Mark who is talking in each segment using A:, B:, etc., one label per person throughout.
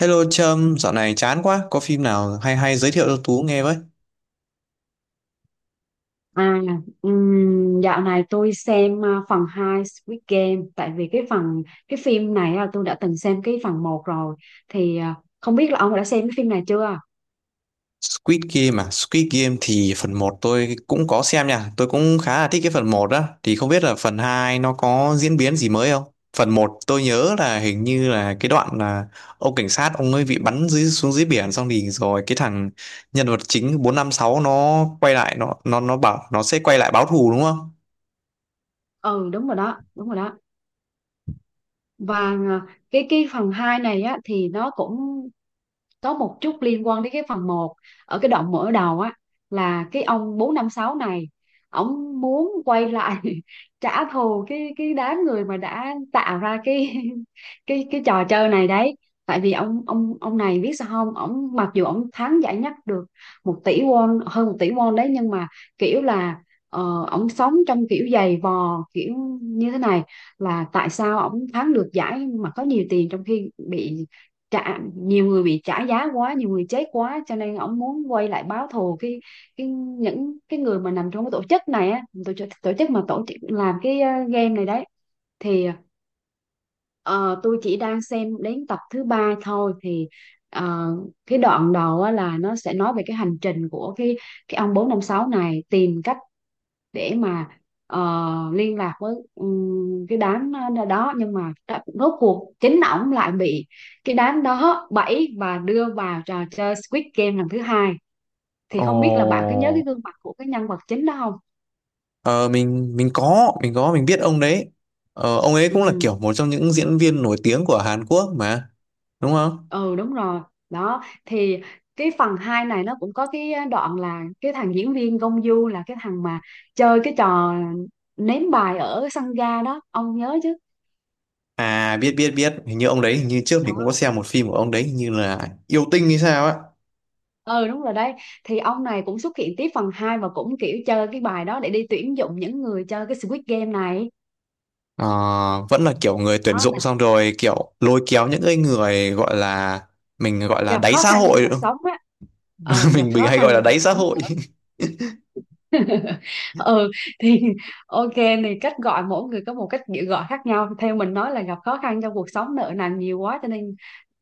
A: Hello Trâm, dạo này chán quá, có phim nào hay hay giới thiệu cho Tú nghe với.
B: À, dạo này tôi xem phần 2 Squid Game, tại vì cái phim này là tôi đã từng xem cái phần một rồi, thì không biết là ông đã xem cái phim này chưa?
A: Squid Game à, Squid Game thì phần một tôi cũng có xem nha, tôi cũng khá là thích cái phần một đó, thì không biết là phần 2 nó có diễn biến gì mới không? Phần một tôi nhớ là hình như là cái đoạn là ông cảnh sát ông ấy bị bắn dưới xuống dưới biển xong thì rồi cái thằng nhân vật chính 456 nó quay lại nó nó bảo nó sẽ quay lại báo thù đúng không?
B: Ừ, đúng rồi đó, đúng rồi đó. Và cái phần 2 này á, thì nó cũng có một chút liên quan đến cái phần một ở cái đoạn mở đầu á, là cái ông 456 này ổng muốn quay lại trả thù cái đám người mà đã tạo ra cái cái trò chơi này đấy. Tại vì ông này, biết sao không, ổng mặc dù ổng thắng giải nhất được một tỷ won, hơn một tỷ won đấy, nhưng mà kiểu là ổng sống trong kiểu giày vò kiểu như thế này, là tại sao ổng thắng được giải mà có nhiều tiền, trong khi bị trả nhiều người bị trả giá quá, nhiều người chết quá, cho nên ông muốn quay lại báo thù cái những cái người mà nằm trong cái tổ chức này á, tổ chức làm cái game này đấy. Thì ờ, tôi chỉ đang xem đến tập thứ ba thôi, thì ờ, cái đoạn đầu á, là nó sẽ nói về cái hành trình của cái ông 456 này tìm cách để mà ờ, liên lạc với cái đám đó, nhưng mà rốt cuộc chính ổng lại bị cái đám đó bẫy và đưa vào trò chơi Squid Game lần thứ hai. Thì không biết là bạn có nhớ cái
A: Ồ.
B: gương mặt của cái nhân vật chính đó không?
A: Ờ, mình có mình biết ông đấy, ông ấy cũng là
B: Ừ,
A: kiểu một trong những diễn viên nổi tiếng của Hàn Quốc mà đúng không?
B: ừ đúng rồi đó. Thì cái phần 2 này nó cũng có cái đoạn là cái thằng diễn viên Gong Yoo, là cái thằng mà chơi cái trò ném bài ở sân ga đó, ông nhớ chứ?
A: À, biết biết biết, hình như ông đấy, hình như trước mình cũng có xem một phim của ông đấy, hình như là yêu tinh hay sao á.
B: Ừ, đúng rồi đấy, thì ông này cũng xuất hiện tiếp phần 2 và cũng kiểu chơi cái bài đó để đi tuyển dụng những người chơi cái Squid Game này.
A: Ờ, vẫn là kiểu người tuyển
B: Đó
A: dụng
B: là
A: xong rồi kiểu lôi kéo những cái người gọi là, mình gọi là
B: gặp
A: đáy
B: khó
A: xã
B: khăn trong
A: hội
B: cuộc
A: đúng
B: sống á,
A: không?
B: ờ gặp
A: Mình
B: khó
A: hay
B: khăn
A: gọi là
B: trong cuộc
A: đáy xã
B: sống.
A: hội.
B: Ừ, thì ok, thì cách gọi mỗi người có một cách gọi khác nhau, theo mình nói là gặp khó khăn trong cuộc sống, nợ nần nhiều quá cho nên.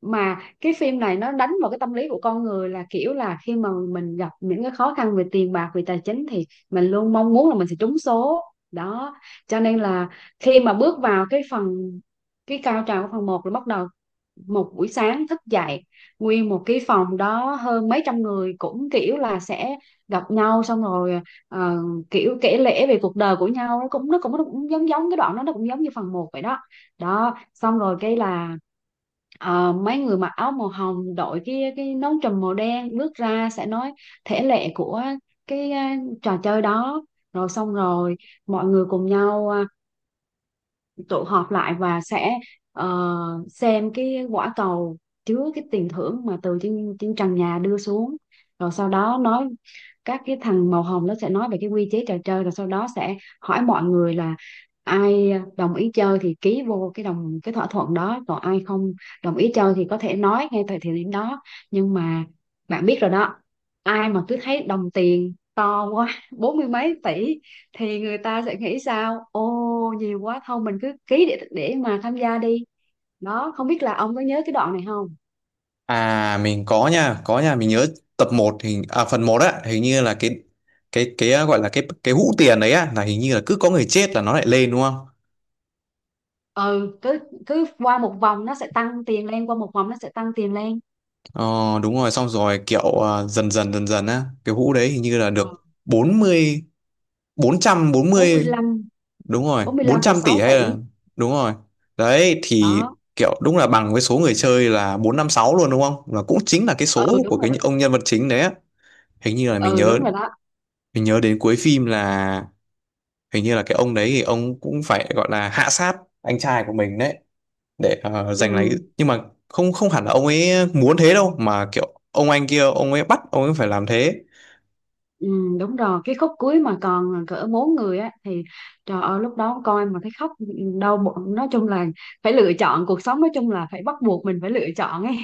B: Mà cái phim này nó đánh vào cái tâm lý của con người, là kiểu là khi mà mình gặp những cái khó khăn về tiền bạc, về tài chính, thì mình luôn mong muốn là mình sẽ trúng số. Đó, cho nên là khi mà bước vào cái phần, cái cao trào của phần một, là bắt đầu một buổi sáng thức dậy, nguyên một cái phòng đó hơn mấy trăm người cũng kiểu là sẽ gặp nhau, xong rồi ờ, kiểu kể lể về cuộc đời của nhau, nó cũng nó cũng giống, giống cái đoạn đó, nó cũng giống như phần một vậy đó. Đó, xong rồi cái là mấy người mặc áo màu hồng, đội cái nón trùm màu đen bước ra, sẽ nói thể lệ của cái trò chơi đó. Rồi xong rồi mọi người cùng nhau tụ họp lại, và sẽ ờ, xem cái quả cầu chứa cái tiền thưởng mà từ trên trên trần nhà đưa xuống. Rồi sau đó nói, các cái thằng màu hồng nó sẽ nói về cái quy chế trò chơi, rồi sau đó sẽ hỏi mọi người là ai đồng ý chơi thì ký vô cái đồng, cái thỏa thuận đó, còn ai không đồng ý chơi thì có thể nói ngay tại thời điểm đó. Nhưng mà bạn biết rồi đó, ai mà cứ thấy đồng tiền to quá, bốn mươi mấy tỷ, thì người ta sẽ nghĩ sao, ô nhiều quá, thôi mình cứ ký để mà tham gia đi. Đó, không biết là ông có nhớ cái đoạn này không?
A: À mình có nha, mình nhớ tập một, hình phần một á, hình như là gọi là cái hũ tiền đấy á, là hình như là cứ có người chết là nó lại lên đúng không?
B: Ừ, cứ, cứ qua một vòng nó sẽ tăng tiền lên, qua một vòng nó sẽ tăng tiền lên.
A: Ờ đúng rồi, xong rồi kiểu dần dần dần dần á, cái hũ đấy hình như là
B: ừ,
A: được bốn bốn mươi, bốn trăm bốn mươi,
B: 45,
A: đúng rồi, 400 tỷ
B: 45,6
A: hay là,
B: tỷ
A: đúng rồi. Đấy thì
B: đó.
A: kiểu đúng là bằng với số người chơi là 456 luôn đúng không? Và cũng chính là cái
B: Ừ
A: số của
B: đúng rồi
A: cái
B: đó.
A: ông nhân vật chính đấy á. Hình như là mình
B: Ừ
A: nhớ,
B: đúng rồi đó.
A: mình nhớ đến cuối phim là hình như là cái ông đấy thì ông cũng phải gọi là hạ sát anh trai của mình đấy để giành lấy,
B: ừ,
A: nhưng mà không, không hẳn là ông ấy muốn thế đâu mà kiểu ông anh kia ông ấy bắt ông ấy phải làm thế.
B: ừ đúng rồi, cái khúc cuối mà còn cỡ bốn người á, thì trời ơi lúc đó coi mà thấy khóc, đau bụng. Nói chung là phải lựa chọn cuộc sống, nói chung là phải bắt buộc mình phải lựa chọn ấy,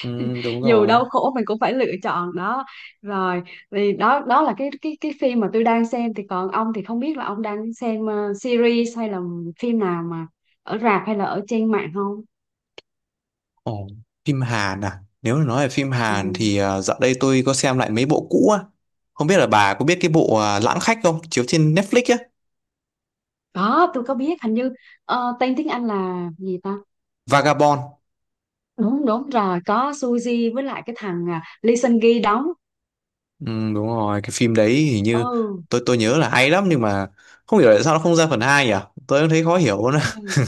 A: Ừ, đúng
B: dù
A: rồi.
B: đau khổ mình cũng phải lựa chọn đó. Rồi thì đó, đó là cái phim mà tôi đang xem. Thì còn ông thì không biết là ông đang xem series hay là phim nào mà ở rạp hay là ở trên mạng không?
A: Ồ, phim Hàn à, nếu mà nói về phim
B: Ừ.
A: Hàn thì dạo đây tôi có xem lại mấy bộ cũ á. Không biết là bà có biết cái bộ Lãng Khách không, chiếu trên Netflix á.
B: Có, tôi có biết, hình như tên tiếng Anh là gì ta?
A: Vagabond.
B: Đúng đúng rồi, có Suzy với lại cái thằng Lee Seung Gi đóng.
A: Ừ, đúng rồi, cái phim đấy hình như
B: Ừ.
A: tôi nhớ là hay lắm, nhưng mà không hiểu tại sao nó không ra phần 2 nhỉ, tôi cũng thấy khó hiểu.
B: Ừ.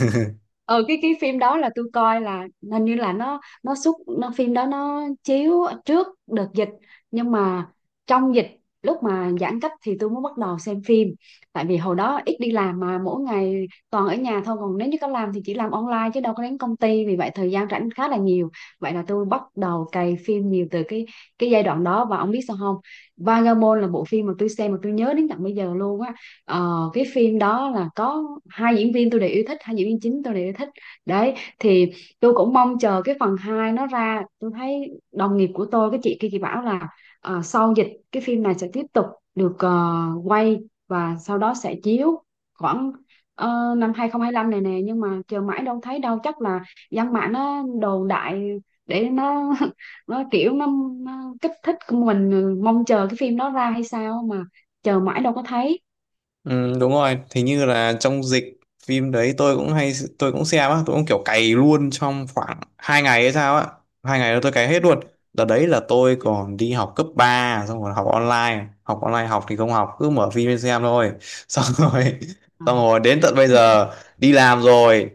B: Ừ, cái phim đó là tôi coi là, hình như là nó xuất nó phim đó nó chiếu trước đợt dịch, nhưng mà trong dịch, lúc mà giãn cách thì tôi mới bắt đầu xem phim, tại vì hồi đó ít đi làm mà mỗi ngày toàn ở nhà thôi, còn nếu như có làm thì chỉ làm online chứ đâu có đến công ty, vì vậy thời gian rảnh khá là nhiều. Vậy là tôi bắt đầu cày phim nhiều từ cái giai đoạn đó, và ông biết sao không, Vagabond là bộ phim mà tôi xem mà tôi nhớ đến tận bây giờ luôn á. Ờ, cái phim đó là có hai diễn viên tôi đều yêu thích, hai diễn viên chính tôi đều yêu thích đấy. Thì tôi cũng mong chờ cái phần 2 nó ra, tôi thấy đồng nghiệp của tôi, cái chị kia, chị bảo là sau dịch cái phim này sẽ tiếp tục được quay, và sau đó sẽ chiếu khoảng năm hai không hai lăm này nè, nhưng mà chờ mãi đâu thấy đâu. Chắc là dân mạng nó đồn đại để nó nó kiểu nó kích thích mình mong chờ cái phim đó ra hay sao mà chờ mãi đâu có thấy.
A: Ừ, đúng rồi, thì như là trong dịch phim đấy tôi cũng hay, tôi cũng xem á, tôi cũng kiểu cày luôn trong khoảng hai ngày hay sao á. Hai ngày đó tôi cày hết luôn. Đợt đấy là tôi còn đi học cấp ba, xong rồi học online, học online học thì không học, cứ mở phim lên xem thôi. Xong rồi
B: Ờ.
A: xong rồi đến tận bây giờ đi làm rồi,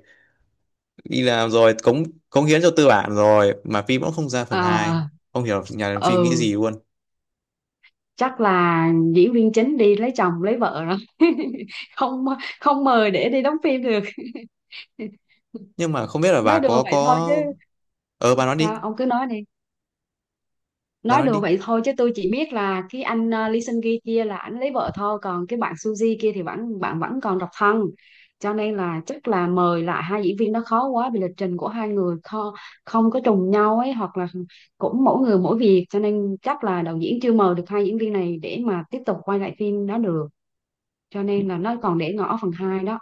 A: đi làm rồi cống cống hiến cho tư bản rồi mà phim cũng không ra phần hai.
B: À,
A: Không hiểu nhà làm
B: ừ,
A: phim nghĩ gì luôn.
B: chắc là diễn viên chính đi lấy chồng lấy vợ rồi, không không mời để đi đóng phim được.
A: Nhưng mà không biết là
B: Nói
A: bà
B: đùa
A: có
B: vậy thôi
A: có
B: chứ,
A: bà nói đi,
B: sao ông cứ nói đi.
A: bà
B: Nói
A: nói
B: đùa
A: đi.
B: vậy thôi chứ, tôi chỉ biết là cái anh Lee Seung Gi kia là anh lấy vợ thôi, còn cái bạn Suzy kia thì vẫn, bạn vẫn còn độc thân, cho nên là chắc là mời lại hai diễn viên đó khó quá, vì lịch trình của hai người không, không có trùng nhau ấy, hoặc là cũng mỗi người mỗi việc, cho nên chắc là đạo diễn chưa mời được hai diễn viên này để mà tiếp tục quay lại phim đó được, cho nên là nó còn để ngỏ phần hai đó.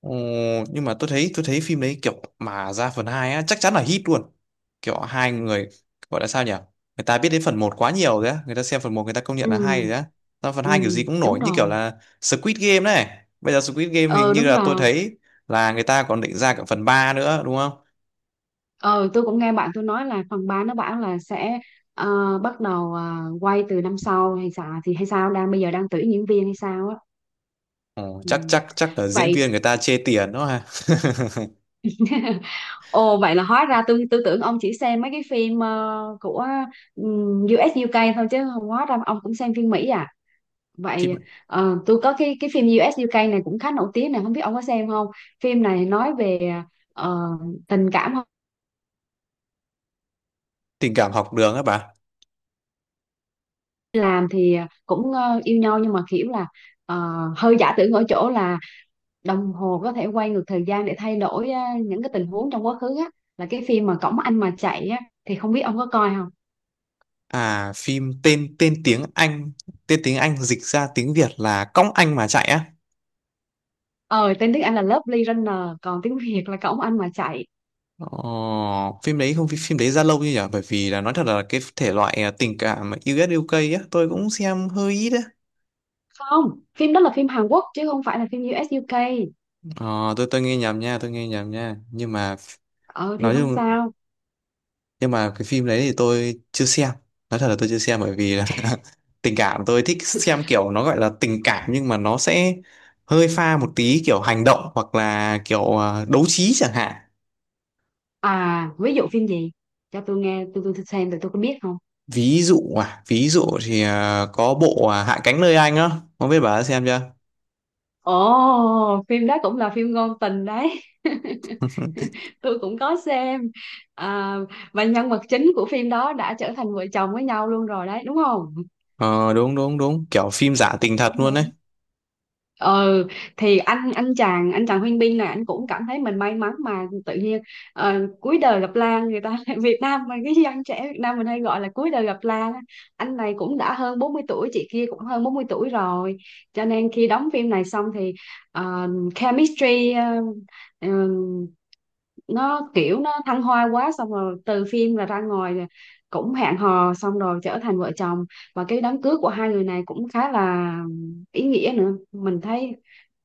A: Ồ, nhưng mà tôi thấy, tôi thấy phim đấy kiểu mà ra phần 2 á chắc chắn là hit luôn, kiểu hai người gọi là sao nhỉ, người ta biết đến phần một quá nhiều rồi á, người ta xem phần một người ta công nhận
B: Ừ.
A: là hay rồi á, ra phần
B: Ừ
A: 2 kiểu gì cũng
B: đúng
A: nổi, như kiểu
B: rồi.
A: là Squid Game này, bây giờ Squid Game hình
B: Ờ
A: như
B: đúng
A: là tôi
B: rồi.
A: thấy là người ta còn định ra cả phần ba nữa đúng không?
B: Ờ, tôi cũng nghe bạn tôi nói là phần 3 nó bảo là sẽ bắt đầu quay từ năm sau hay sao, thì hay sao, đang bây giờ đang tuyển diễn viên hay sao á.
A: Ồ,
B: Ừ.
A: chắc chắc chắc là diễn
B: Vậy,
A: viên người ta chê tiền đó ha
B: ồ vậy là hóa ra tôi tưởng ông chỉ xem mấy cái phim của um, u UK thôi, chứ không hóa ra ông cũng xem phim Mỹ à. Vậy
A: phim
B: tôi có cái phim U.S. u UK này cũng khá nổi tiếng này, không biết ông có xem không? Phim này nói về ờ, tình cảm
A: tình cảm học đường á bà.
B: làm thì cũng yêu nhau, nhưng mà kiểu là ờ, hơi giả tưởng ở chỗ là đồng hồ có thể quay ngược thời gian để thay đổi á, những cái tình huống trong quá khứ á, là cái phim mà Cổng Anh mà chạy á, thì không biết ông có coi không?
A: À phim tên, tiếng Anh, tên tiếng Anh dịch ra tiếng Việt là cõng anh mà chạy á.
B: Ờ, tên tiếng Anh là Lovely Runner, còn tiếng Việt là Cổng Anh mà chạy.
A: Ồ, phim đấy không, phim đấy ra lâu như nhỉ, bởi vì là nói thật là cái thể loại tình cảm mà US UK á tôi cũng xem hơi ít á.
B: Không, phim đó là phim Hàn Quốc chứ không phải là phim u ét u UK.
A: Ờ, tôi nghe nhầm nha, tôi nghe nhầm nha, nhưng mà
B: Ờ thì
A: nói
B: không
A: chung,
B: sao.
A: nhưng mà cái phim đấy thì tôi chưa xem, nói thật là tôi chưa xem, bởi vì là tình cảm tôi thích xem kiểu nó gọi là tình cảm nhưng mà nó sẽ hơi pha một tí kiểu hành động hoặc là kiểu đấu trí chẳng hạn.
B: À ví dụ phim gì, cho tôi nghe, tôi xem rồi tôi có biết không.
A: Ví dụ ví dụ thì có bộ Hạ cánh nơi anh á, không biết bà đã xem chưa.
B: Ồ, phim đó cũng là phim ngôn tình đấy, tôi cũng có xem. à, và nhân vật chính của phim đó đã trở thành vợ chồng với nhau luôn rồi đấy, đúng không?
A: Ờ đúng đúng đúng, kiểu phim giả tình thật
B: Đúng,
A: luôn đấy.
B: đúng. Ừ, thì anh chàng Huyên Bin này, anh cũng cảm thấy mình may mắn mà tự nhiên cuối đời gặp Lan người ta. Việt Nam mà, cái dân trẻ Việt Nam mình hay gọi là cuối đời gặp Lan á. Anh này cũng đã hơn 40 tuổi, chị kia cũng hơn 40 tuổi rồi, cho nên khi đóng phim này xong thì ờ, chemistry ờ, nó kiểu nó thăng hoa quá, xong rồi từ phim là ra ngoài cũng hẹn hò, xong rồi trở thành vợ chồng. Và cái đám cưới của hai người này cũng khá là ý nghĩa nữa, mình thấy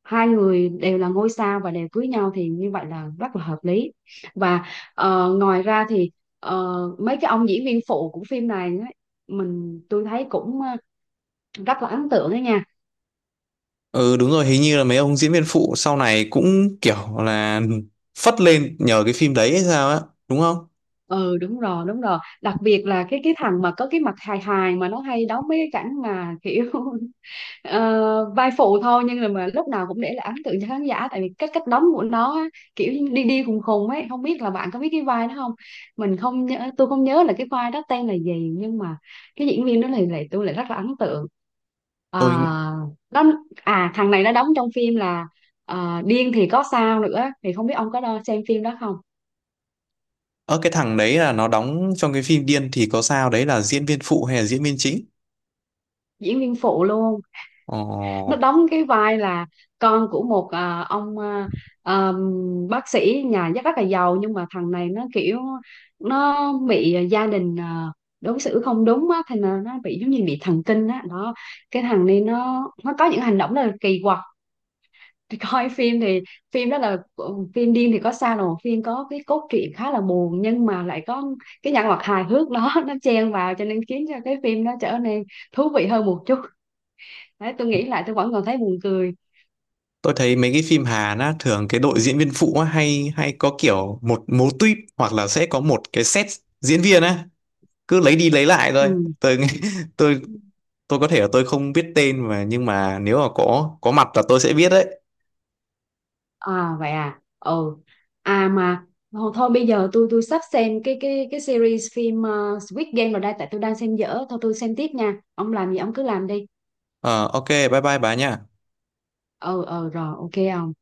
B: hai người đều là ngôi sao và đều cưới nhau thì như vậy là rất là hợp lý. Và ngoài ra thì mấy cái ông diễn viên phụ của phim này á, tôi thấy cũng rất là ấn tượng đó nha.
A: Ừ đúng rồi, hình như là mấy ông diễn viên phụ sau này cũng kiểu là phất lên nhờ cái phim đấy hay sao á, đúng không?
B: Ừ đúng rồi, đúng rồi, đặc biệt là cái thằng mà có cái mặt hài hài, mà nó hay đóng mấy cái cảnh mà kiểu ờ, vai phụ thôi nhưng là mà lúc nào cũng để lại ấn tượng cho khán giả, tại vì cái cách đóng của nó á, kiểu như đi đi khùng khùng ấy, không biết là bạn có biết cái vai đó không. Mình không nhớ Tôi không nhớ là cái vai đó tên là gì, nhưng mà cái diễn viên đó lại lại tôi lại rất là ấn tượng. À,
A: Tôi,
B: nó À, thằng này nó đóng trong phim là Điên thì có sao nữa, thì không biết ông có xem phim đó không.
A: ở cái thằng đấy là nó đóng trong cái phim Điên thì có sao đấy là diễn viên phụ hay là diễn viên chính?
B: Diễn viên phụ luôn. Nó
A: Ồ.
B: đóng cái vai là con của một ông à, bác sĩ nhà rất rất là giàu, nhưng mà thằng này nó kiểu nó bị gia đình đối xử không đúng á, thành là nó bị giống như bị thần kinh á đó. Cái thằng này nó có những hành động rất là kỳ quặc. Thì coi phim, thì phim đó là phim Điên thì có sao đâu, phim có cái cốt truyện khá là buồn, nhưng mà lại có cái nhân vật hài hước đó nó chen vào cho nên khiến cho cái phim nó trở nên thú vị hơn một chút. Đấy, tôi nghĩ lại tôi vẫn còn thấy buồn cười.
A: Tôi thấy mấy cái phim Hàn á thường cái đội diễn viên phụ á, hay hay có kiểu một mô típ hoặc là sẽ có một cái set diễn viên á, cứ lấy đi lấy lại thôi.
B: Ừ.
A: Tôi tôi tôi có thể là tôi không biết tên mà, nhưng mà nếu mà có mặt là tôi sẽ biết đấy.
B: À vậy à. Ừ. À mà thôi, thôi bây giờ tôi sắp xem cái series phim Squid Game rồi đây, tại tôi đang xem dở thôi, tôi xem tiếp nha. Ông làm gì ông cứ làm đi.
A: Ờ, ok bye bye bà nha.
B: Ừ ừ, rồi ok ông.